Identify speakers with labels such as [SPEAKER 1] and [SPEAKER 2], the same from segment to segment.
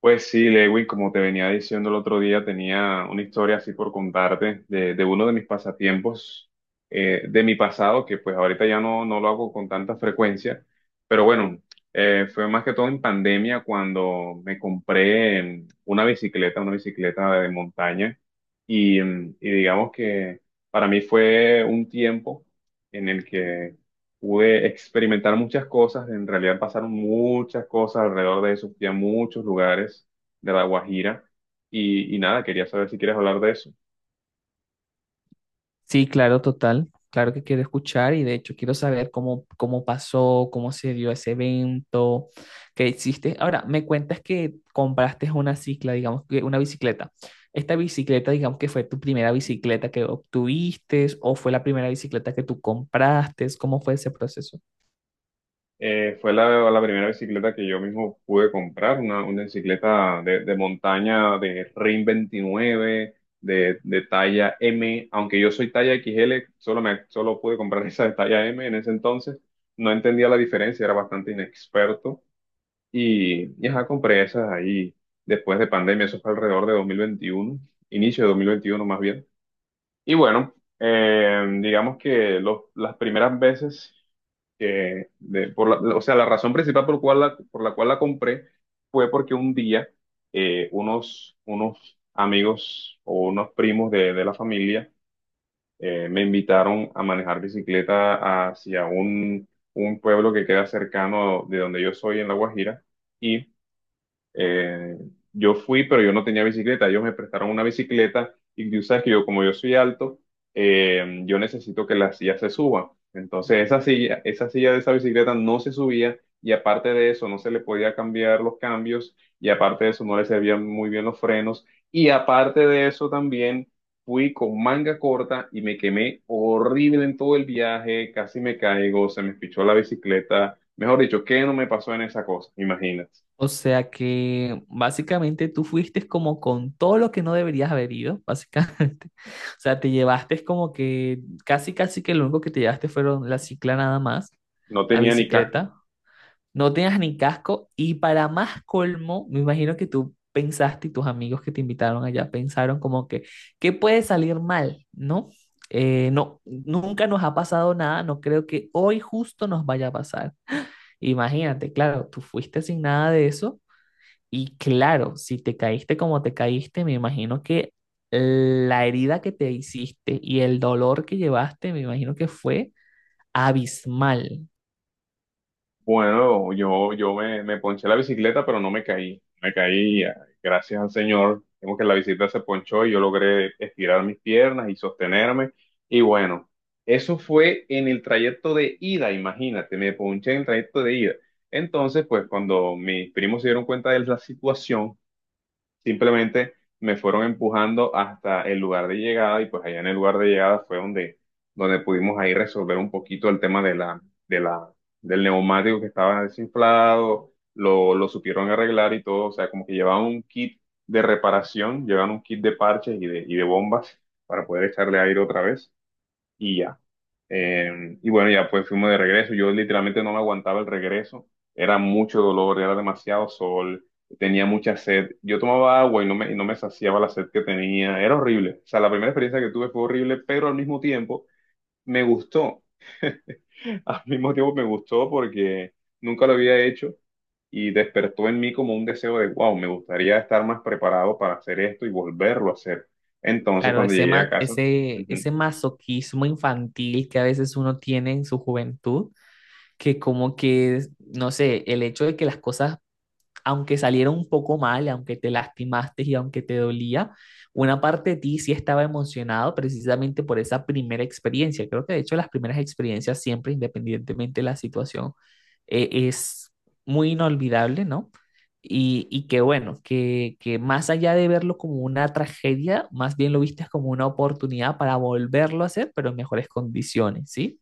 [SPEAKER 1] Pues sí, Lewin, como te venía diciendo el otro día, tenía una historia así por contarte de, uno de mis pasatiempos de mi pasado, que pues ahorita ya no lo hago con tanta frecuencia, pero bueno, fue más que todo en pandemia cuando me compré una bicicleta de montaña, y digamos que para mí fue un tiempo en el que pude experimentar muchas cosas. En realidad pasaron muchas cosas alrededor de eso, fui a muchos lugares de La Guajira, y nada, quería saber si quieres hablar de eso.
[SPEAKER 2] Sí, claro, total. Claro que quiero escuchar y de hecho quiero saber cómo pasó, cómo se dio ese evento, qué hiciste. Ahora, me cuentas que compraste una cicla, digamos que una bicicleta. ¿Esta bicicleta, digamos que fue tu primera bicicleta que obtuviste o fue la primera bicicleta que tú compraste? ¿Cómo fue ese proceso?
[SPEAKER 1] Fue la primera bicicleta que yo mismo pude comprar, una bicicleta de, montaña de Rim 29, de talla M, aunque yo soy talla XL. Solo pude comprar esa de talla M en ese entonces. No entendía la diferencia, era bastante inexperto. Y ajá, compré esas ahí después de pandemia. Eso fue alrededor de 2021, inicio de 2021 más bien. Y bueno, digamos que las primeras veces que, de- por la- o sea, la razón principal por la cual la compré fue porque un día unos amigos o unos primos de la familia me invitaron a manejar bicicleta hacia un pueblo que queda cercano de donde yo soy en La Guajira. eh, yo fui, pero yo no tenía bicicleta. Ellos me prestaron una bicicleta y tú sabes que yo, como yo soy alto, yo necesito que la silla se suba. Entonces, esa silla de esa bicicleta no se subía, y aparte de eso, no se le podía cambiar los cambios, y aparte de eso, no le servían muy bien los frenos, y aparte de eso también. Fui con manga corta y me quemé horrible en todo el viaje, casi me caigo, se me pichó la bicicleta. Mejor dicho, ¿qué no me pasó en esa cosa? Imagínate.
[SPEAKER 2] O sea que básicamente tú fuiste como con todo lo que no deberías haber ido, básicamente. O sea, te llevaste como que casi, casi que lo único que te llevaste fueron la cicla nada más,
[SPEAKER 1] No
[SPEAKER 2] la
[SPEAKER 1] tenía ni casco.
[SPEAKER 2] bicicleta. No tenías ni casco y para más colmo, me imagino que tú pensaste y tus amigos que te invitaron allá pensaron como que, ¿qué puede salir mal? ¿No? No, nunca nos ha pasado nada, no creo que hoy justo nos vaya a pasar. Imagínate, claro, tú fuiste sin nada de eso. Y claro, si te caíste como te caíste, me imagino que la herida que te hiciste y el dolor que llevaste, me imagino que fue abismal.
[SPEAKER 1] Bueno, yo me ponché la bicicleta, pero no me caí. Me caí, gracias al Señor. Vemos que la bicicleta se ponchó y yo logré estirar mis piernas y sostenerme. Y bueno, eso fue en el trayecto de ida, imagínate, me ponché en el trayecto de ida. Entonces, pues cuando mis primos se dieron cuenta de la situación, simplemente me fueron empujando hasta el lugar de llegada, y pues allá en el lugar de llegada fue donde pudimos ahí resolver un poquito el tema de la, del neumático que estaba desinflado. Lo supieron arreglar y todo, o sea, como que llevaban un kit de reparación, llevaban un kit de parches y de bombas para poder echarle aire otra vez y ya. Y bueno, ya pues fuimos de regreso. Yo literalmente no me aguantaba el regreso. Era mucho dolor, era demasiado sol, tenía mucha sed. Yo tomaba agua y no me saciaba la sed que tenía. Era horrible. O sea, la primera experiencia que tuve fue horrible, pero al mismo tiempo me gustó. Al mismo tiempo me gustó porque nunca lo había hecho y despertó en mí como un deseo de, wow, me gustaría estar más preparado para hacer esto y volverlo a hacer. Entonces,
[SPEAKER 2] Claro,
[SPEAKER 1] cuando
[SPEAKER 2] ese,
[SPEAKER 1] llegué a
[SPEAKER 2] ma-
[SPEAKER 1] casa.
[SPEAKER 2] ese,
[SPEAKER 1] Ujú.
[SPEAKER 2] ese masoquismo infantil que a veces uno tiene en su juventud, que como que, no sé, el hecho de que las cosas aunque saliera un poco mal, aunque te lastimaste y aunque te dolía, una parte de ti sí estaba emocionado precisamente por esa primera experiencia. Creo que de hecho las primeras experiencias siempre, independientemente de la situación, es muy inolvidable, ¿no? Y que bueno, que más allá de verlo como una tragedia, más bien lo viste como una oportunidad para volverlo a hacer, pero en mejores condiciones, ¿sí?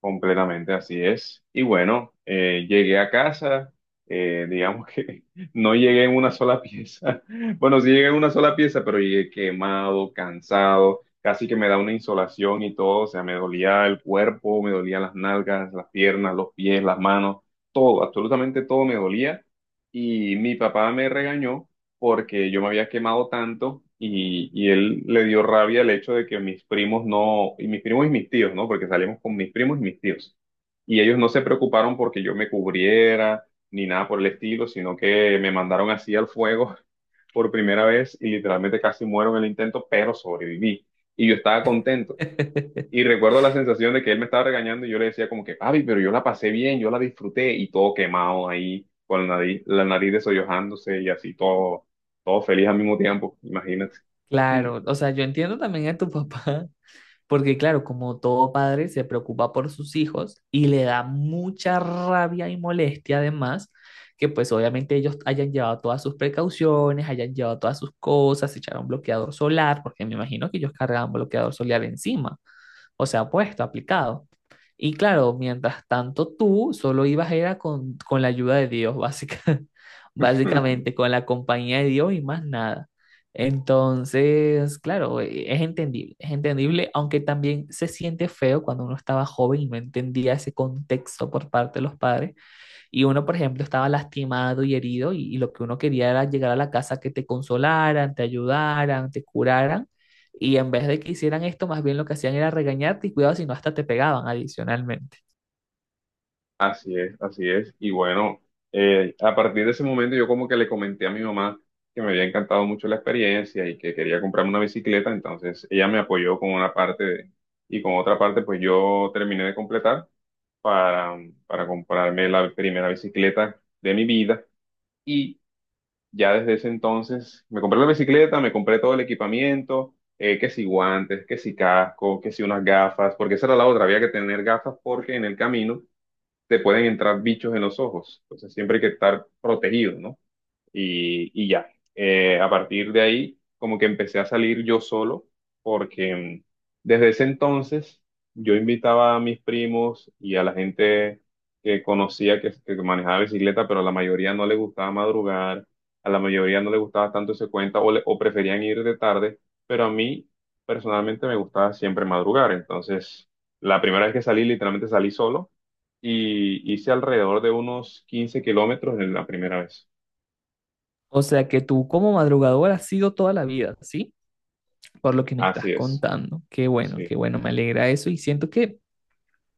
[SPEAKER 1] Completamente, así es. Y bueno, llegué a casa, digamos que no llegué en una sola pieza. Bueno, sí llegué en una sola pieza, pero llegué quemado, cansado, casi que me da una insolación y todo, o sea, me dolía el cuerpo, me dolían las nalgas, las piernas, los pies, las manos, todo, absolutamente todo me dolía. Y mi papá me regañó porque yo me había quemado tanto, y él le dio rabia el hecho de que mis primos no, y mis primos y mis tíos, ¿no? Porque salimos con mis primos y mis tíos. Y ellos no se preocuparon porque yo me cubriera ni nada por el estilo, sino que me mandaron así al fuego por primera vez, y literalmente casi muero en el intento, pero sobreviví. Y yo estaba contento. Y recuerdo la sensación de que él me estaba regañando y yo le decía como que, papi, pero yo la pasé bien, yo la disfruté, y todo quemado ahí, con la nariz desollojándose y así todo, todo feliz al mismo tiempo, imagínate. Mm.
[SPEAKER 2] Claro, o sea, yo entiendo también a tu papá, porque claro, como todo padre se preocupa por sus hijos y le da mucha rabia y molestia además, que pues obviamente ellos hayan llevado todas sus precauciones, hayan llevado todas sus cosas, se echaron bloqueador solar, porque me imagino que ellos cargaban bloqueador solar encima. O sea, puesto, aplicado. Y claro, mientras tanto tú solo ibas era con la ayuda de Dios, básica, básicamente, con la compañía de Dios y más nada. Entonces, claro, es entendible, es entendible, aunque también se siente feo cuando uno estaba joven y no entendía ese contexto por parte de los padres, y uno, por ejemplo, estaba lastimado y herido y lo que uno quería era llegar a la casa que te consolaran, te ayudaran, te curaran. Y en vez de que hicieran esto, más bien lo que hacían era regañarte y cuidado si no hasta te pegaban adicionalmente.
[SPEAKER 1] Así es, así es. Y bueno, a partir de ese momento, yo como que le comenté a mi mamá que me había encantado mucho la experiencia y que quería comprarme una bicicleta. Entonces ella me apoyó con una parte y con otra parte pues yo terminé de completar, para, para comprarme la primera bicicleta de mi vida. Y ya desde ese entonces me compré la bicicleta, me compré todo el equipamiento, que si guantes, que si casco, que si unas gafas, porque esa era la otra, había que tener gafas porque en el camino te pueden entrar bichos en los ojos. Entonces siempre hay que estar protegido, ¿no? Y ya. A partir de ahí, como que empecé a salir yo solo, porque desde ese entonces yo invitaba a mis primos y a la gente que conocía que manejaba bicicleta, pero a la mayoría no le gustaba madrugar, a la mayoría no le gustaba tanto ese cuenta o preferían ir de tarde, pero a mí personalmente me gustaba siempre madrugar. Entonces, la primera vez que salí, literalmente salí solo y hice alrededor de unos 15 kilómetros en la primera vez.
[SPEAKER 2] O sea que tú como madrugador has sido toda la vida, ¿sí? Por lo que me estás
[SPEAKER 1] Así es,
[SPEAKER 2] contando.
[SPEAKER 1] sí,
[SPEAKER 2] Qué bueno, me alegra eso y siento que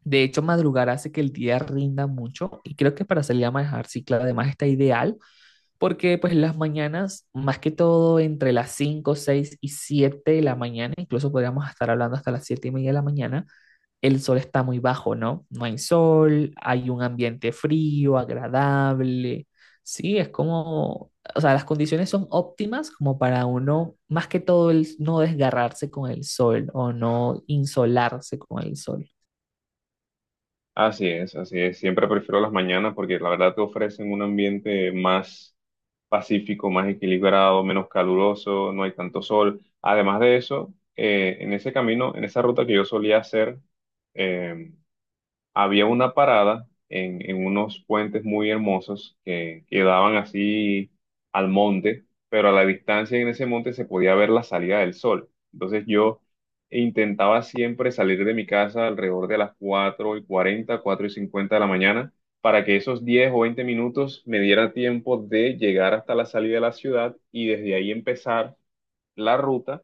[SPEAKER 2] de hecho madrugar hace que el día rinda mucho y creo que para salir a manejar cicla además está ideal porque pues las mañanas, más que todo entre las 5 6 y 7 de la mañana, incluso podríamos estar hablando hasta las 7 y media de la mañana, el sol está muy bajo, ¿no? No hay sol, hay un ambiente frío, agradable, sí, es como, o sea, las condiciones son óptimas como para uno, más que todo el no desgarrarse con el sol o no insolarse con el sol.
[SPEAKER 1] así es, así es. Siempre prefiero las mañanas porque la verdad te ofrecen un ambiente más pacífico, más equilibrado, menos caluroso, no hay tanto sol. Además de eso, en ese camino, en esa ruta que yo solía hacer, em, había una parada en, unos puentes muy hermosos que quedaban así al monte, pero a la distancia en ese monte se podía ver la salida del sol. Entonces yo intentaba siempre salir de mi casa alrededor de las 4:40, 4:50 de la mañana, para que esos 10 o 20 minutos me diera tiempo de llegar hasta la salida de la ciudad, y desde ahí empezar la ruta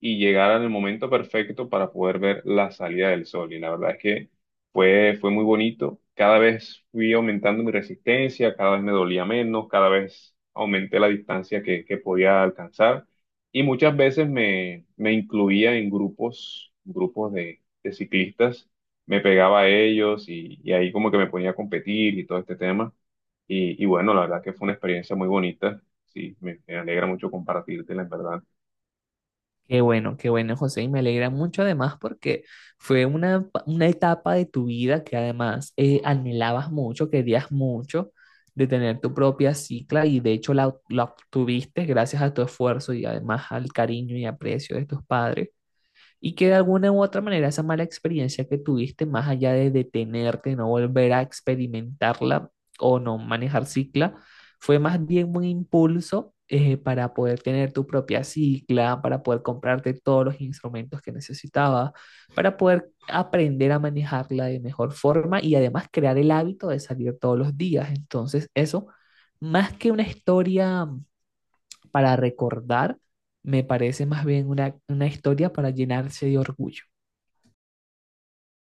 [SPEAKER 1] y llegar en el momento perfecto para poder ver la salida del sol. Y la verdad es que fue muy bonito. Cada vez fui aumentando mi resistencia, cada vez me dolía menos, cada vez aumenté la distancia que podía alcanzar. Y muchas veces me incluía en grupos, grupos de ciclistas. Me pegaba a ellos, y ahí como que me ponía a competir y todo este tema. Y bueno, la verdad que fue una experiencia muy bonita. Sí, me alegra mucho compartírtela, en verdad.
[SPEAKER 2] Qué bueno, José, y me alegra mucho además porque fue una etapa de tu vida que además anhelabas mucho, querías mucho de tener tu propia cicla y de hecho la obtuviste gracias a tu esfuerzo y además al cariño y aprecio de tus padres y que de alguna u otra manera esa mala experiencia que tuviste, más allá de detenerte, no volver a experimentarla o no manejar cicla, fue más bien un impulso para poder tener tu propia cicla, para poder comprarte todos los instrumentos que necesitabas, para poder aprender a manejarla de mejor forma y además crear el hábito de salir todos los días. Entonces, eso, más que una historia para recordar, me parece más bien una historia para llenarse de orgullo.